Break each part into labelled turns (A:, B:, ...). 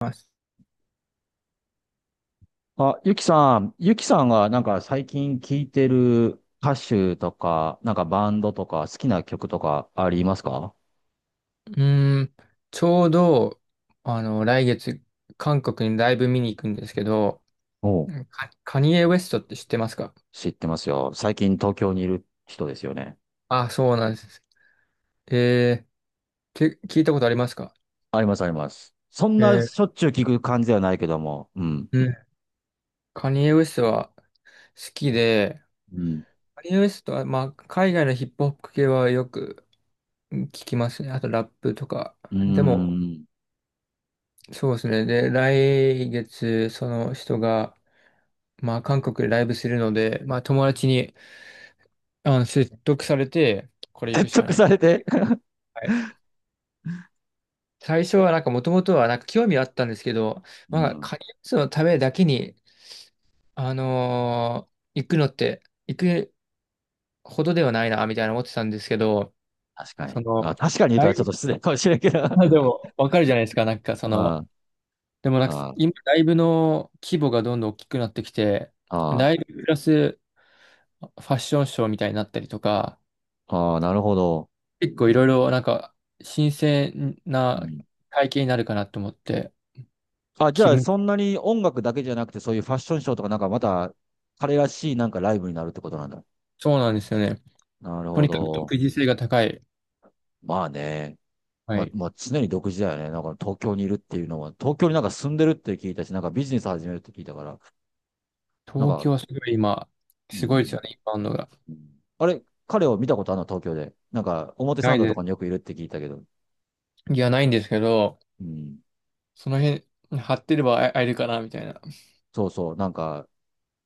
A: ます。
B: あ、ゆきさんがなんか最近聴いてる歌手とか、なんかバンドとか好きな曲とかありますか？
A: うーん、ちょうど、来月、韓国にライブ見に行くんですけど、
B: おう。
A: カニエ・ウェストって知ってますか？
B: 知ってますよ。最近東京にいる人ですよね。
A: あ、そうなんです。えー、聞いたことありますか？
B: ありますあります。そん
A: え
B: な
A: ー、
B: しょっちゅう聞く感じではないけども、うん。
A: うん。カニエ・ウェストは好きで、
B: うん。
A: カニエ・ウェストは、まあ、海外のヒップホップ系はよく聞きますね。あとラップとか。
B: うー
A: でも、
B: ん。
A: そうですね。で、来月、その人が、まあ、韓国でライブするので、まあ、友達に、説得されて、これ行く
B: 説
A: しか
B: 得
A: ない。
B: されて。
A: はい。最初はなんかもともとはなんか興味あったんですけど、
B: う
A: まあ、
B: ん。
A: カニスのためだけに、行くのって、行くほどではないな、みたいな思ってたんですけど、
B: 確か
A: そ
B: に。
A: の、
B: あ、確かに言うと
A: ラ
B: は
A: イ
B: ちょっ
A: ブ、
B: と失礼かもしれんけど。
A: まあ で もわかるじゃないですか、なんかそ
B: あ
A: の、でもなんか
B: あ、あ
A: 今、ライブの規模がどんどん大きくなってきて、
B: あ、あ
A: ライブプラスファッションショーみたいになったりとか、
B: あ、ああ、なるほど。
A: 結構いろいろなんか新鮮
B: う
A: な
B: ん。
A: 体験になるかなと思って、
B: あ、じ
A: 気
B: ゃあ、
A: 分、
B: そんなに音楽だけじゃなくて、そういうファッションショーとか、なんかまた、彼らしいなんかライブになるってことなんだ。
A: そうなんですよね。
B: なる
A: と
B: ほ
A: にかく独
B: ど。
A: 自性が高い。
B: まあね。
A: は
B: まあ、
A: い。
B: まあ、常に独自だよね。なんか東京にいるっていうのは、東京になんか住んでるって聞いたし、なんかビジネス始めるって聞いたから、なん
A: 東京
B: か、
A: はすごい今、
B: う
A: すごいです
B: ん。
A: よね、インバウンドが。
B: うん。あれ、彼を見たことあるの東京で。なんか、表
A: な
B: 参
A: い
B: 道と
A: で、
B: かによくいるって聞いたけど。
A: いや、ないんですけど、
B: うん。
A: その辺、張ってれば会えるかな、みたいな。
B: そうそう。なんか、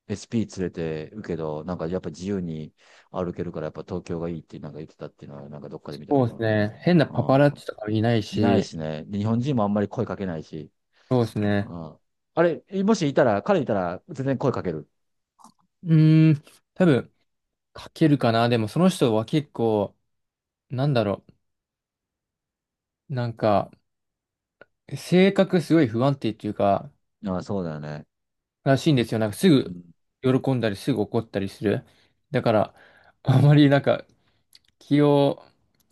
B: SP 連れてるけど、なんかやっぱ自由に歩けるから、やっぱ東京がいいってなんか言ってたっていうのは、なんかどっかで見たけ
A: そうです
B: ど。
A: ね。変なパパ
B: あ。
A: ラッチとかもいない
B: いない
A: し、
B: しね。で、日本人もあんまり声かけないし。
A: そうです
B: う
A: ね。
B: ん。あれ、もしいたら、彼いたら全然声かける。
A: うーん、多分、書けるかな。でも、その人は結構、なんだろう、なんか、性格すごい不安定っていうか、
B: ああ、そうだよね。
A: らしいんですよ。なんか、す
B: う
A: ぐ
B: ん。
A: 喜んだり、すぐ怒ったりする。だから、あまりなんか、気を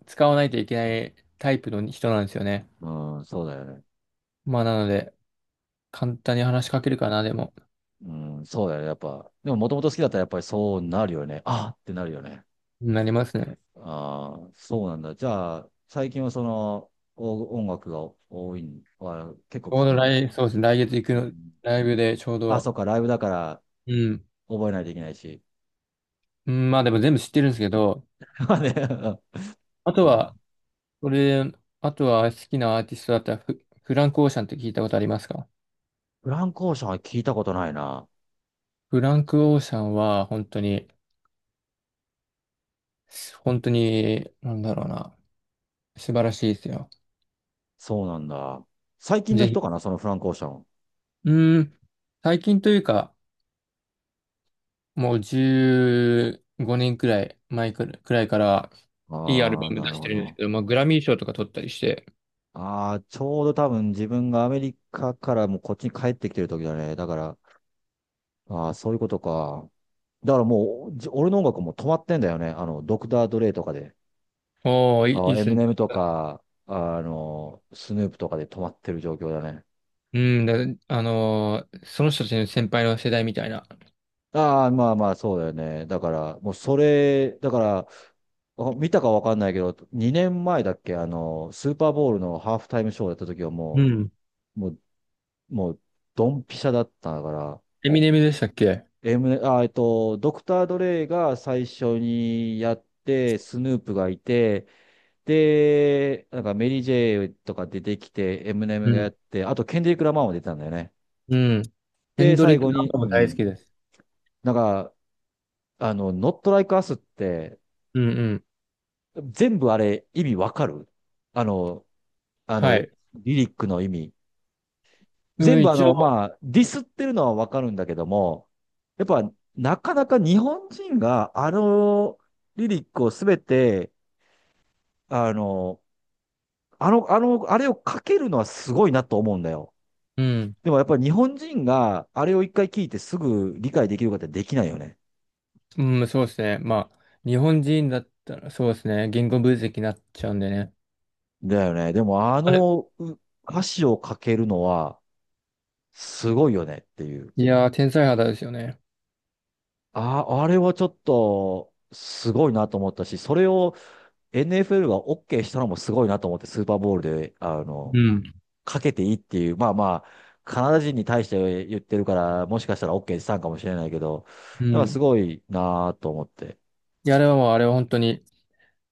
A: 使わないといけないタイプの人なんですよね。
B: うん、そうだよね。
A: まあ、なので、簡単に話しかけるかな、でも、
B: うん、そうだよね。やっぱ。でも、もともと好きだったらやっぱりそうなるよね。ああってなるよね。
A: なりますね。
B: ああ、そうなんだ。じゃあ、最近はその、お音楽が多いん、あ、結構
A: ちょ
B: 聞
A: う
B: く
A: ど
B: んだ。
A: そうですね、来月行く
B: う
A: の、
B: ん、
A: ライブでちょう
B: あ、
A: ど、
B: そうか、ライブだから
A: うん、
B: 覚えないといけないし。
A: うん、まあでも全部知ってるんですけど、
B: まあね。
A: あと
B: うん。
A: は、これ、あとは好きなアーティストだったらフランク・オーシャンって聞いたことありますか？
B: フランコーションは聞いたことないな。
A: フランク・オーシャンは、本当に、本当に、なんだろうな、素晴らしいですよ。
B: そうなんだ。最近の
A: ぜ
B: 人
A: ひ、
B: かな、そのフランク・オーシャン。
A: うん、最近というか、もう15年くらい前くらいくらいから、いいアルバ
B: ああ、
A: ム
B: な
A: 出
B: る
A: し
B: ほ
A: てるんです
B: ど。
A: けど、まあ、グラミー賞とか取ったりして、
B: ああ、ちょうど多分自分がアメリカからもうこっちに帰ってきてる時だね。だから、ああ、そういうことか。だからもう、俺の音楽も止まってんだよね。ドクター・ドレイとかで。
A: おー、いい
B: あ
A: いいっ
B: あ、エ
A: す
B: ミ
A: ね。
B: ネムとか、スヌープとかで止まってる状況だね。
A: うん、その人たちの先輩の世代みたいな。
B: ああ、まあまあ、そうだよね。だから、もうそれ、だから、あ、見たかわかんないけど、2年前だっけ、スーパーボウルのハーフタイムショーやった時は
A: う
B: も
A: ん、
B: う、もう、ドンピシャだったから、
A: エミネムでしたっけ？
B: M、あ、えっと、ドクター・ドレイが最初にやって、スヌープがいて、で、なんかメリー・ジェイとか出てきて、エムネ
A: う
B: ムがや
A: ん、
B: って、あとケンデリック・ラマーも出てたんだよね。
A: うん。ヘ
B: で、
A: ンド
B: 最
A: リック・
B: 後
A: ラン
B: に、
A: プも
B: う
A: 大好
B: ん。
A: きです。
B: なんか、ノット・ライク・アスって、
A: うんうん。
B: 全部あれ、意味わかる？あの、あ
A: は
B: の、
A: い。
B: リリックの意味。
A: う
B: 全
A: ん、
B: 部あ
A: 一
B: の、
A: 応、
B: まあ、ディスってるのはわかるんだけども、やっぱ、なかなか日本人があのリリックをすべて、あの、あれを書けるのはすごいなと思うんだよ。
A: うん、
B: でもやっぱり日本人があれを一回聞いてすぐ理解できるかってできないよね。
A: うん、そうですね。まあ、日本人だったらそうですね。言語分析になっちゃうんでね。
B: だよね。でもあ
A: あれ、
B: のう歌詞を書けるのはすごいよねっていう。
A: いやー、天才肌ですよね。
B: あ、あれはちょっとすごいなと思ったし、それを NFL が OK したのもすごいなと思って、スーパーボールで、
A: うん。
B: かけていいっていう、まあまあ、カナダ人に対して言ってるから、もしかしたら OK したんかもしれないけど、
A: う
B: なんかす
A: ん。
B: ごいなぁと思って。
A: いや、あれはもう、あれは本当に、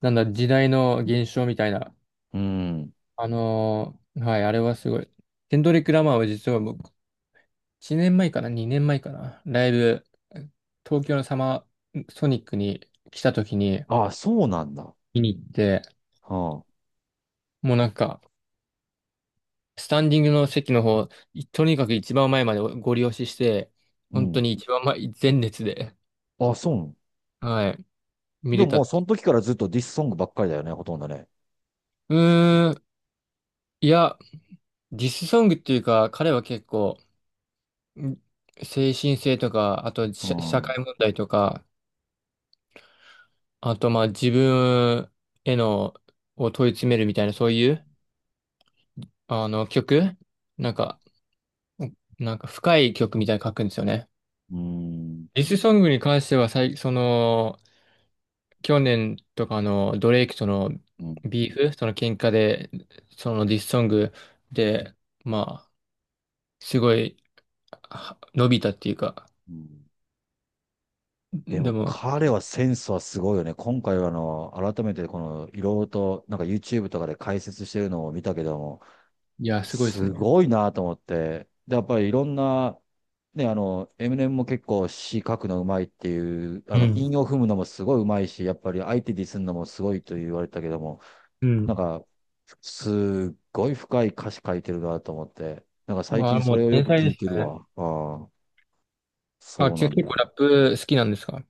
A: なんだ、時代の現象みたいな。
B: うん。
A: はい、あれはすごい。ケンドリック・ラマーは実は僕、1年前かな、2年前かな、ライブ、東京のサマーソニックに来た時に
B: ああ、そうなんだ。は
A: 見に行って、
B: あ、
A: もうなんか、スタンディングの席の方、とにかく一番前までご利用して、
B: う
A: 本当
B: ん。
A: に一番前、前列で、
B: ああ、そうなの。
A: はい、見
B: で
A: れ
B: も
A: た
B: も
A: っ
B: うそ
A: て。
B: の時からずっとディスソングばっかりだよね、ほとんどね。
A: うーん、いや、ディスソングっていうか、彼は結構、ん精神性とか、あと
B: う
A: 社
B: ん。う
A: 会問題とか、あとまあ自分への、を問い詰めるみたいな、そういう、あの曲なんか、なんか深い曲みたいに書くんですよね。
B: ん。
A: ディスソングに関しては、その、去年とかのドレイクとの
B: うん。
A: ビーフ、その喧嘩で、そのディスソングで、まあ、すごいは伸びたっていうか、
B: うん。で
A: で
B: も
A: も、
B: 彼はセンスはすごいよね。今回は改めてこの、いろいろと、なんか YouTube とかで解説してるのを見たけども、
A: いや、すごいです
B: す
A: ね。
B: ごいなと思って。で、やっぱりいろんな、ね、エミネムも結構詩書くのうまいっていう、
A: うん。
B: 韻を踏むのもすごいうまいし、やっぱり相手ディスるのもすごいと言われたけども、
A: う
B: なん
A: ん。
B: か、すっごい深い歌詞書いてるなと思って、なんか最
A: まあ、
B: 近そ
A: もう
B: れをよ
A: 天
B: く
A: 才
B: 聞
A: で
B: い
A: す
B: てる
A: ね。
B: わ。ああ、
A: あ、
B: そうなん
A: 結構
B: だ。
A: ラップ好きなんですか？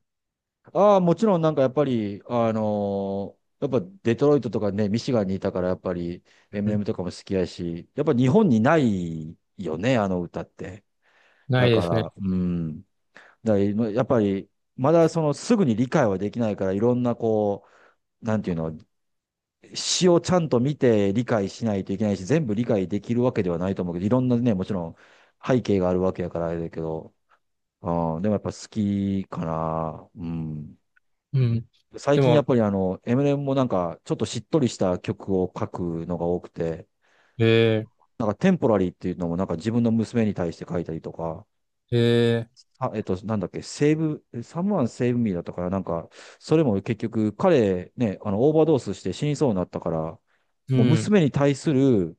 B: ああ、もちろんなんかやっぱり、やっぱデトロイトとかね、ミシガンにいたからやっぱり
A: うん、
B: MM とかも好きやし、やっぱ日本にないよね、あの歌って。
A: な
B: だ
A: いで
B: か
A: すね。
B: ら、うん。だから今やっぱり、まだそのすぐに理解はできないから、いろんなこう、なんていうの、詩をちゃんと見て理解しないといけないし、全部理解できるわけではないと思うけど、いろんなね、もちろん背景があるわけやからあれだけど、うん、でもやっぱ好きかな。うん。
A: うん。
B: 最
A: で
B: 近やっ
A: も、
B: ぱりエ m i ム m もなんか、ちょっとしっとりした曲を書くのが多くて、
A: え
B: なんかテンポラリーっていうのもなんか自分の娘に対して書いたりとか、
A: ー、え
B: あ、なんだっけ、セーブ、サムワンセーブミーだったから、なんか、それも結局彼ね、オーバードースして死にそうになったから、
A: う
B: もう
A: ん、
B: 娘に対する、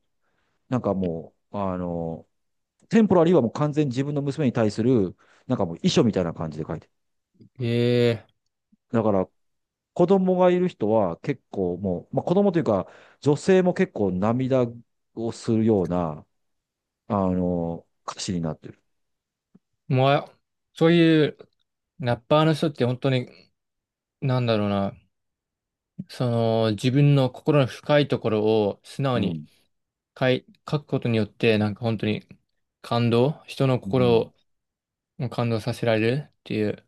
B: なんかもう、テンポラリーはもう完全に自分の娘に対する、なんかもう遺書みたいな感じで書いてる。
A: え
B: だから子供がいる人は結構もう、まあ、子供というか、女性も結構涙をするような、歌詞になってる。
A: もう、あ、そういうラッパーの人って本当に、なんだろうな、その、自分の心の深いところを素直
B: う
A: に
B: ん。
A: 書くことによって、なんか本当に感動、人の
B: うん。
A: 心を感動させられるっていう、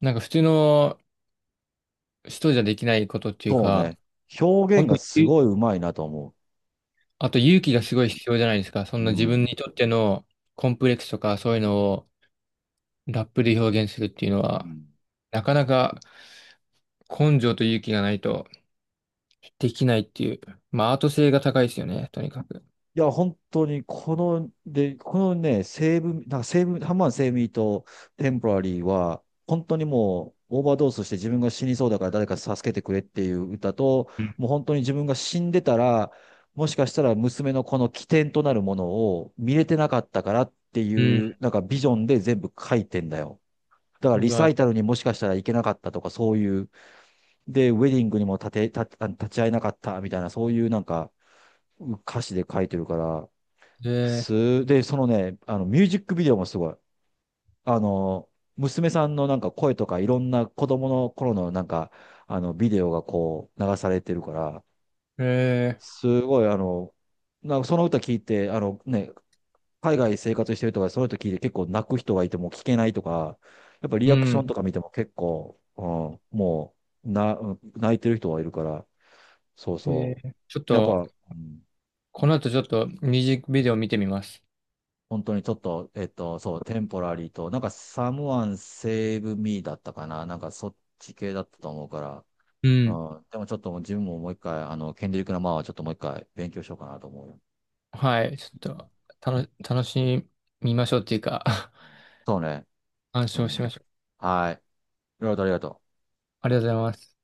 A: なんか普通の人じゃできないことっていう
B: そう
A: か、
B: ね。表
A: 本
B: 現
A: 当
B: がす
A: に
B: ごい上手いなと思
A: あと勇気がすごい必要じゃないですか。そ
B: う。
A: ん
B: う
A: な自
B: ん。
A: 分にとってのコンプレックスとかそういうのをラップで表現するっていうの
B: う
A: は、
B: ん。
A: なかなか根性と勇気がないとできないっていう。まあアート性が高いですよね、とにかく。
B: いや、本当に、で、このね、西ブなんか西ブハンマーセ武ミーとテンポラリーは、本当にもう、オーバードースして自分が死にそうだから誰か助けてくれっていう歌と、
A: うん。
B: もう本当に自分が死んでたら、もしかしたら娘のこの起点となるものを見れてなかったからってい
A: うん。
B: う、なんかビジョンで全部書いてんだよ。だから
A: う
B: リサ
A: わ、
B: イタルにもしかしたら行けなかったとか、そういう、で、ウェディングにも立て、立あ立ち会えなかったみたいな、そういうなんか歌詞で書いてるから、
A: え
B: で、そのね、ミュージックビデオもすごい。あの、娘さんのなんか声とかいろんな子供の頃のなんか、ビデオがこう流されてるから、
A: ー、え
B: すごいなんかその歌聞いて、あのね、海外生活してるとか、その歌聞いて結構泣く人がいても聞けないとか、やっぱリ
A: う
B: アクショ
A: ん。
B: ンとか見ても結構、うん、もう、泣いてる人はいるから、そうそ
A: ちょっ
B: う。やっぱ、
A: と、
B: うん。
A: この後ちょっとミュージックビデオ見てみます。
B: 本当にちょっと、そう、テンポラリーと、なんか、サムワンセーブミーだったかな。なんか、そっち系だったと思うから。
A: うん。
B: うん。でもちょっともう自分ももう一回、ケンデリック・ラマーはちょっともう一回勉強しようかなと思うよ。
A: はい、ち
B: う
A: ょ
B: ん。
A: っと、楽しみましょうっていうか、
B: そうね。
A: 鑑
B: う
A: 賞し
B: ん。
A: ましょう。
B: はい。いろいろとありがとう。
A: ありがとうございます。